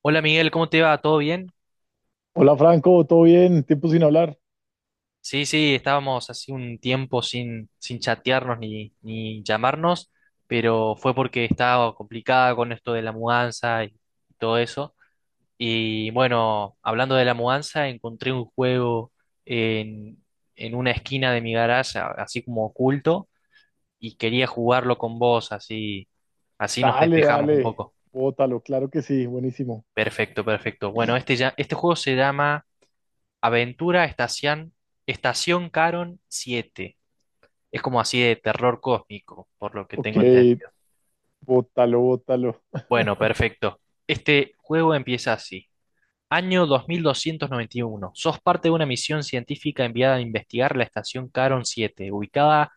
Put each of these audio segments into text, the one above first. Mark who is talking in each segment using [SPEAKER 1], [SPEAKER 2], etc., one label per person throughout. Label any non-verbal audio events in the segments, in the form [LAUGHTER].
[SPEAKER 1] Hola Miguel, ¿cómo te va? ¿Todo bien?
[SPEAKER 2] Hola Franco, ¿todo bien? Tiempo sin hablar.
[SPEAKER 1] Sí, sí, estábamos hace un tiempo sin chatearnos ni llamarnos, pero fue porque estaba complicada con esto de la mudanza y todo eso. Y bueno, hablando de la mudanza, encontré un juego en, en una esquina de mi garaje, así como oculto, y quería jugarlo con vos, así, así nos
[SPEAKER 2] Dale,
[SPEAKER 1] despejamos un
[SPEAKER 2] dale.
[SPEAKER 1] poco.
[SPEAKER 2] Bótalo, claro que sí, buenísimo.
[SPEAKER 1] Perfecto, perfecto. Bueno, este juego se llama... Aventura Estación, Estación Caron siete. Es como así de terror cósmico, por lo que
[SPEAKER 2] Ok,
[SPEAKER 1] tengo entendido.
[SPEAKER 2] bótalo, bótalo.
[SPEAKER 1] Bueno, perfecto. Este juego empieza así. Año 2291. Sos parte de una misión científica enviada a investigar la estación Caron 7, ubicada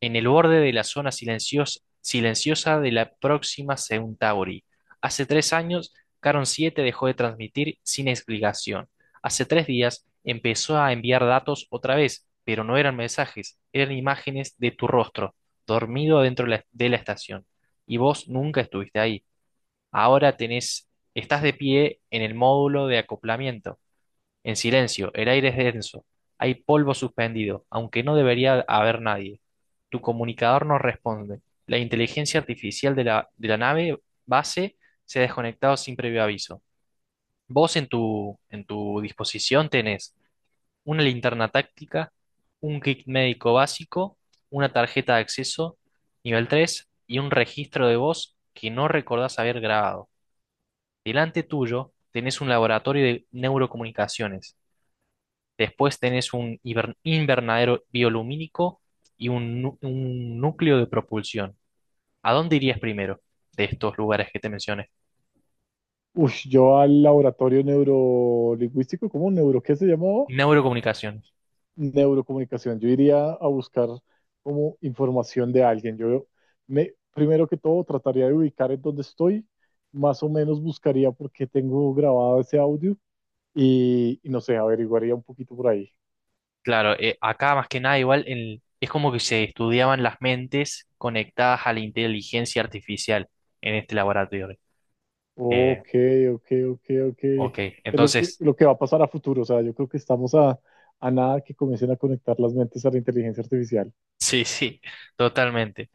[SPEAKER 1] en el borde de la zona silenciosa de la próxima Centauri. Hace tres años, Caron 7 dejó de transmitir sin explicación. Hace tres días empezó a enviar datos otra vez, pero no eran mensajes, eran imágenes de tu rostro, dormido dentro de la estación. Y vos nunca estuviste ahí. Ahora tenés, estás de pie en el módulo de acoplamiento, en silencio, el aire es denso, hay polvo suspendido, aunque no debería haber nadie. Tu comunicador no responde. La inteligencia artificial de la nave base se ha desconectado sin previo aviso. Vos en tu disposición tenés una linterna táctica, un kit médico básico, una tarjeta de acceso nivel 3 y un registro de voz que no recordás haber grabado. Delante tuyo tenés un laboratorio de neurocomunicaciones. Después tenés un invernadero biolumínico y un núcleo de propulsión. ¿A dónde irías primero de estos lugares que te mencioné?
[SPEAKER 2] Uy, yo al laboratorio neurolingüístico, ¿cómo neuro? ¿Qué se llamó?
[SPEAKER 1] Neurocomunicaciones.
[SPEAKER 2] Neurocomunicación. Yo iría a buscar como información de alguien. Yo me, primero que todo, trataría de ubicar en dónde estoy. Más o menos buscaría por qué tengo grabado ese audio y no sé, averiguaría un poquito por ahí.
[SPEAKER 1] Claro, acá más que nada igual es como que se estudiaban las mentes conectadas a la inteligencia artificial en este laboratorio. Eh,
[SPEAKER 2] Ok, ok, ok, ok.
[SPEAKER 1] ok,
[SPEAKER 2] Es lo que,
[SPEAKER 1] entonces,
[SPEAKER 2] lo que va a pasar a futuro. O sea, yo creo que estamos a nada que comiencen a conectar las mentes a la inteligencia artificial.
[SPEAKER 1] [LAUGHS] sí, sí, totalmente.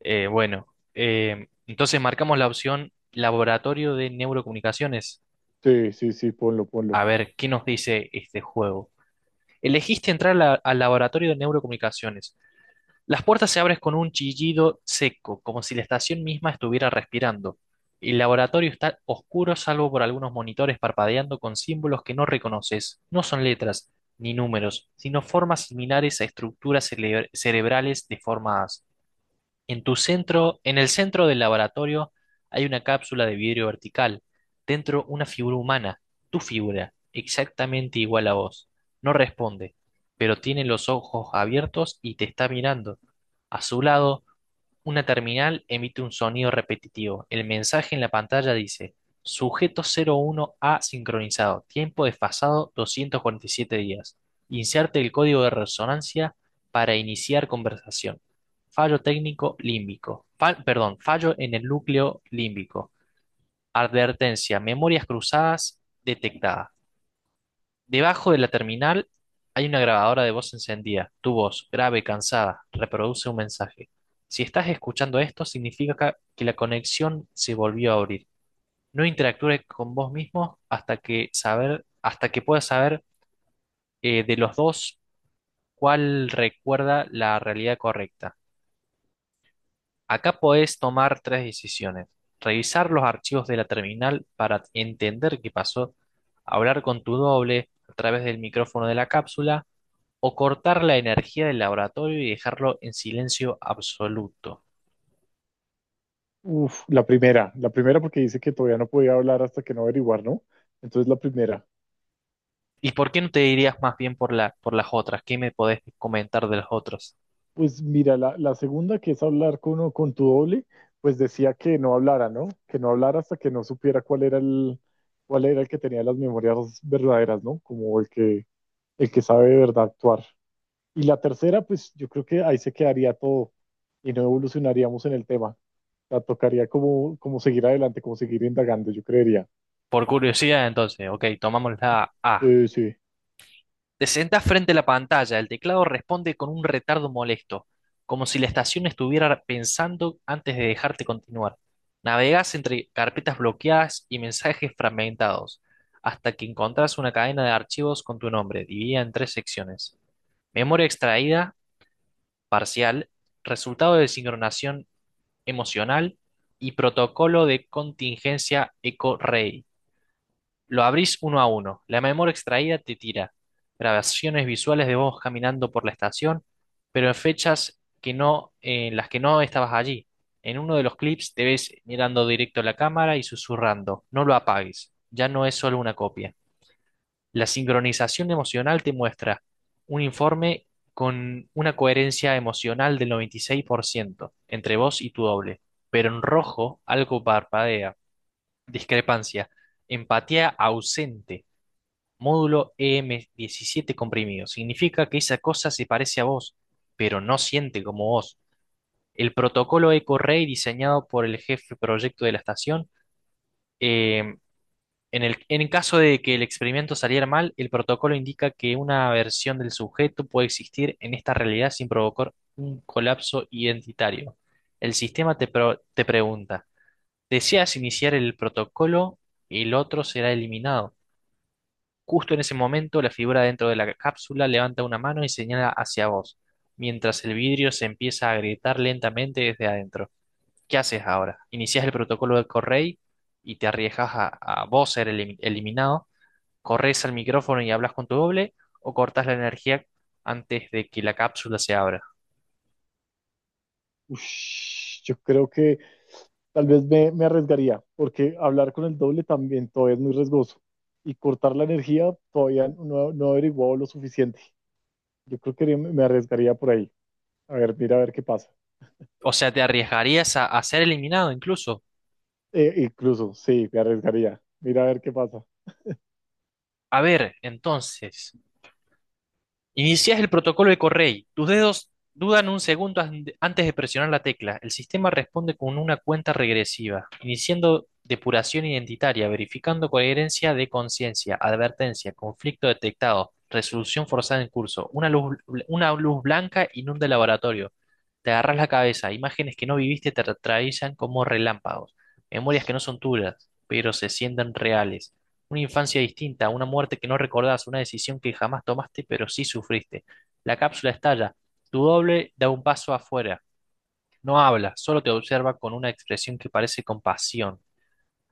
[SPEAKER 1] Bueno, entonces marcamos la opción Laboratorio de Neurocomunicaciones.
[SPEAKER 2] Sí, sí, sí, ponlo,
[SPEAKER 1] A
[SPEAKER 2] ponlo.
[SPEAKER 1] ver, ¿qué nos dice este juego? Elegiste entrar a al Laboratorio de Neurocomunicaciones. Las puertas se abren con un chillido seco, como si la estación misma estuviera respirando. El laboratorio está oscuro salvo por algunos monitores parpadeando con símbolos que no reconoces. No son letras ni números, sino formas similares a estructuras cerebrales deformadas. En el centro del laboratorio hay una cápsula de vidrio vertical. Dentro una figura humana, tu figura, exactamente igual a vos. No responde, pero tiene los ojos abiertos y te está mirando. A su lado una terminal emite un sonido repetitivo. El mensaje en la pantalla dice: Sujeto 01A sincronizado. Tiempo desfasado 247 días. Inserte el código de resonancia para iniciar conversación. Fallo técnico límbico. Fallo en el núcleo límbico. Advertencia: memorias cruzadas detectadas. Debajo de la terminal hay una grabadora de voz encendida. Tu voz, grave, y cansada, reproduce un mensaje. Si estás escuchando esto, significa que la conexión se volvió a abrir. No interactúes con vos mismo hasta que puedas saber de los dos cuál recuerda la realidad correcta. Acá podés tomar tres decisiones. Revisar los archivos de la terminal para entender qué pasó, hablar con tu doble a través del micrófono de la cápsula, o cortar la energía del laboratorio y dejarlo en silencio absoluto.
[SPEAKER 2] Uf, la primera porque dice que todavía no podía hablar hasta que no averiguar, ¿no? Entonces la primera.
[SPEAKER 1] ¿Y por qué no te dirías más bien por las otras? ¿Qué me podés comentar de las otras?
[SPEAKER 2] Pues mira, la segunda que es hablar con tu doble, pues decía que no hablara, ¿no? Que no hablara hasta que no supiera cuál era el que tenía las memorias verdaderas, ¿no? Como el que sabe de verdad actuar. Y la tercera, pues yo creo que ahí se quedaría todo y no evolucionaríamos en el tema. O sea, tocaría como, como seguir adelante, como seguir indagando, yo creería.
[SPEAKER 1] Por curiosidad, entonces, ok, tomamos la A.
[SPEAKER 2] Sí, sí.
[SPEAKER 1] Te sentás frente a la pantalla, el teclado responde con un retardo molesto, como si la estación estuviera pensando antes de dejarte continuar. Navegas entre carpetas bloqueadas y mensajes fragmentados, hasta que encontrás una cadena de archivos con tu nombre, dividida en tres secciones. Memoria extraída, parcial, resultado de sincronización emocional y protocolo de contingencia ECO-REI. Lo abrís uno a uno. La memoria extraída te tira grabaciones visuales de vos caminando por la estación, pero en las que no estabas allí. En uno de los clips te ves mirando directo a la cámara y susurrando, no lo apagues, ya no es solo una copia. La sincronización emocional te muestra un informe con una coherencia emocional del 96% entre vos y tu doble, pero en rojo algo parpadea. Discrepancia. Empatía ausente. Módulo E m 17 comprimido. Significa que esa cosa se parece a vos, pero no siente como vos. El protocolo EcoRay diseñado por el jefe proyecto de la estación eh, en en caso de que el experimento saliera mal, el protocolo indica que una versión del sujeto puede existir en esta realidad sin provocar un colapso identitario. El sistema te pregunta, ¿deseas iniciar el protocolo? El otro será eliminado. Justo en ese momento, la figura dentro de la cápsula levanta una mano y señala hacia vos, mientras el vidrio se empieza a agrietar lentamente desde adentro. ¿Qué haces ahora? ¿Inicias el protocolo de Correy y te arriesgas a vos ser eliminado? ¿Corres al micrófono y hablas con tu doble o cortas la energía antes de que la cápsula se abra?
[SPEAKER 2] Ush, yo creo que tal vez me arriesgaría, porque hablar con el doble también todavía es muy riesgoso. Y cortar la energía todavía no, no he averiguado lo suficiente. Yo creo que me arriesgaría por ahí. A ver, mira a ver qué pasa.
[SPEAKER 1] O sea, te arriesgarías a ser eliminado incluso.
[SPEAKER 2] Incluso, sí, me arriesgaría. Mira a ver qué pasa.
[SPEAKER 1] A ver, entonces, inicias el protocolo de Correy. Tus dedos dudan un segundo antes de presionar la tecla. El sistema responde con una cuenta regresiva, iniciando depuración identitaria, verificando coherencia de conciencia, advertencia, conflicto detectado, resolución forzada en curso. Una luz blanca inunda el laboratorio. Te agarras la cabeza. Imágenes que no viviste te atraviesan como relámpagos. Memorias que no son tuyas, pero se sienten reales. Una infancia distinta, una muerte que no recordás, una decisión que jamás tomaste, pero sí sufriste. La cápsula estalla. Tu doble da un paso afuera. No habla, solo te observa con una expresión que parece compasión,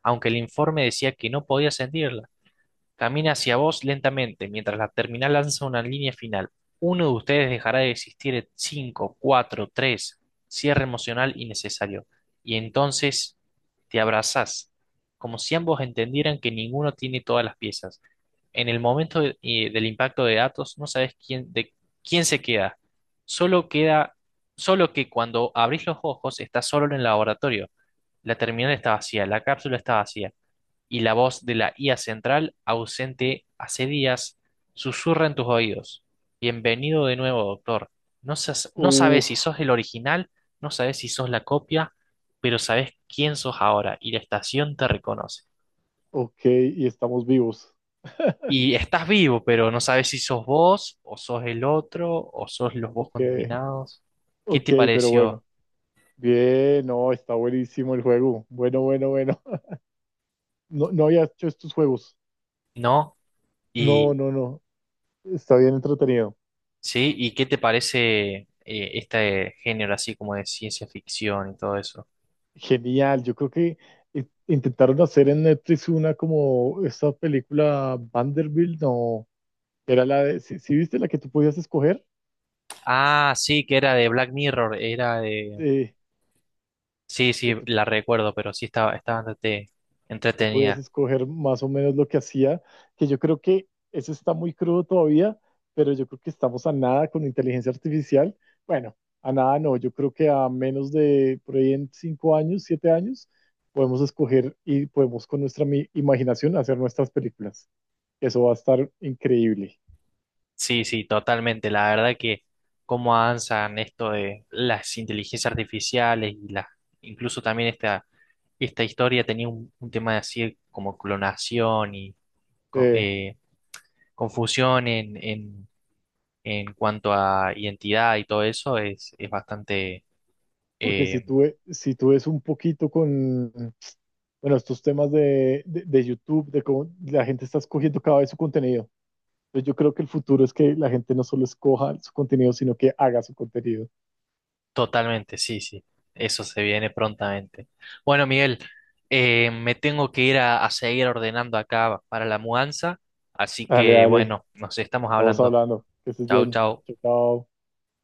[SPEAKER 1] aunque el informe decía que no podía sentirla. Camina hacia vos lentamente, mientras la terminal lanza una línea final. Uno de ustedes dejará de existir en cinco, cuatro, tres. Cierre emocional innecesario. Y entonces te abrazás, como si ambos entendieran que ninguno tiene todas las piezas. En el momento del impacto de datos no sabes de quién se queda. Solo queda, Solo que cuando abrís los ojos estás solo en el laboratorio. La terminal está vacía, la cápsula está vacía y la voz de la IA central, ausente hace días, susurra en tus oídos. Bienvenido de nuevo, doctor. No sabes
[SPEAKER 2] Uf,
[SPEAKER 1] si sos el original, no sabes si sos la copia, pero sabes quién sos ahora y la estación te reconoce.
[SPEAKER 2] ok, y estamos vivos. [LAUGHS]
[SPEAKER 1] Y estás vivo, pero no sabes si sos vos, o sos el otro, o sos los vos
[SPEAKER 2] Ok,
[SPEAKER 1] contaminados. ¿Qué
[SPEAKER 2] ok,
[SPEAKER 1] te
[SPEAKER 2] pero
[SPEAKER 1] pareció?
[SPEAKER 2] bueno. Bien, no, está buenísimo el juego. Bueno, bueno, bueno. [LAUGHS] No, no había hecho estos juegos.
[SPEAKER 1] ¿No?
[SPEAKER 2] No,
[SPEAKER 1] Y
[SPEAKER 2] no, no. Está bien entretenido.
[SPEAKER 1] sí, ¿y qué te parece este género así como de ciencia ficción y todo eso?
[SPEAKER 2] Genial. Yo creo que intentaron hacer en Netflix una como esta película Vanderbilt, no. Era la de, sí, ¿sí viste la que tú podías escoger?
[SPEAKER 1] Ah, sí, que era de Black Mirror, era de...
[SPEAKER 2] Eh,
[SPEAKER 1] Sí, sí,
[SPEAKER 2] que tú
[SPEAKER 1] la recuerdo, pero sí estaba, estaba bastante
[SPEAKER 2] tú podías
[SPEAKER 1] entretenida.
[SPEAKER 2] escoger más o menos lo que hacía, que yo creo que eso está muy crudo todavía, pero yo creo que estamos a nada con inteligencia artificial. Bueno, a nada no, yo creo que a menos de por ahí en 5 años, 7 años, podemos escoger y podemos con nuestra imaginación hacer nuestras películas. Eso va a estar increíble.
[SPEAKER 1] Sí, sí, totalmente. La verdad que cómo avanzan esto de las inteligencias artificiales y la incluso también esta historia tenía un tema así como clonación y co-
[SPEAKER 2] Eh,
[SPEAKER 1] eh, confusión en cuanto a identidad y todo eso es bastante
[SPEAKER 2] porque si
[SPEAKER 1] eh,
[SPEAKER 2] tú, si tú ves un poquito con, bueno, estos temas de, de YouTube, de cómo la gente está escogiendo cada vez su contenido. Entonces yo creo que el futuro es que la gente no solo escoja su contenido, sino que haga su contenido.
[SPEAKER 1] Totalmente, sí, sí. Eso se viene prontamente. Bueno, Miguel, me tengo que ir a seguir ordenando acá para la mudanza, así
[SPEAKER 2] Dale,
[SPEAKER 1] que
[SPEAKER 2] dale,
[SPEAKER 1] bueno, nos estamos
[SPEAKER 2] estamos
[SPEAKER 1] hablando.
[SPEAKER 2] hablando. Que estés
[SPEAKER 1] Chau,
[SPEAKER 2] bien.
[SPEAKER 1] chau.
[SPEAKER 2] Chao, chao.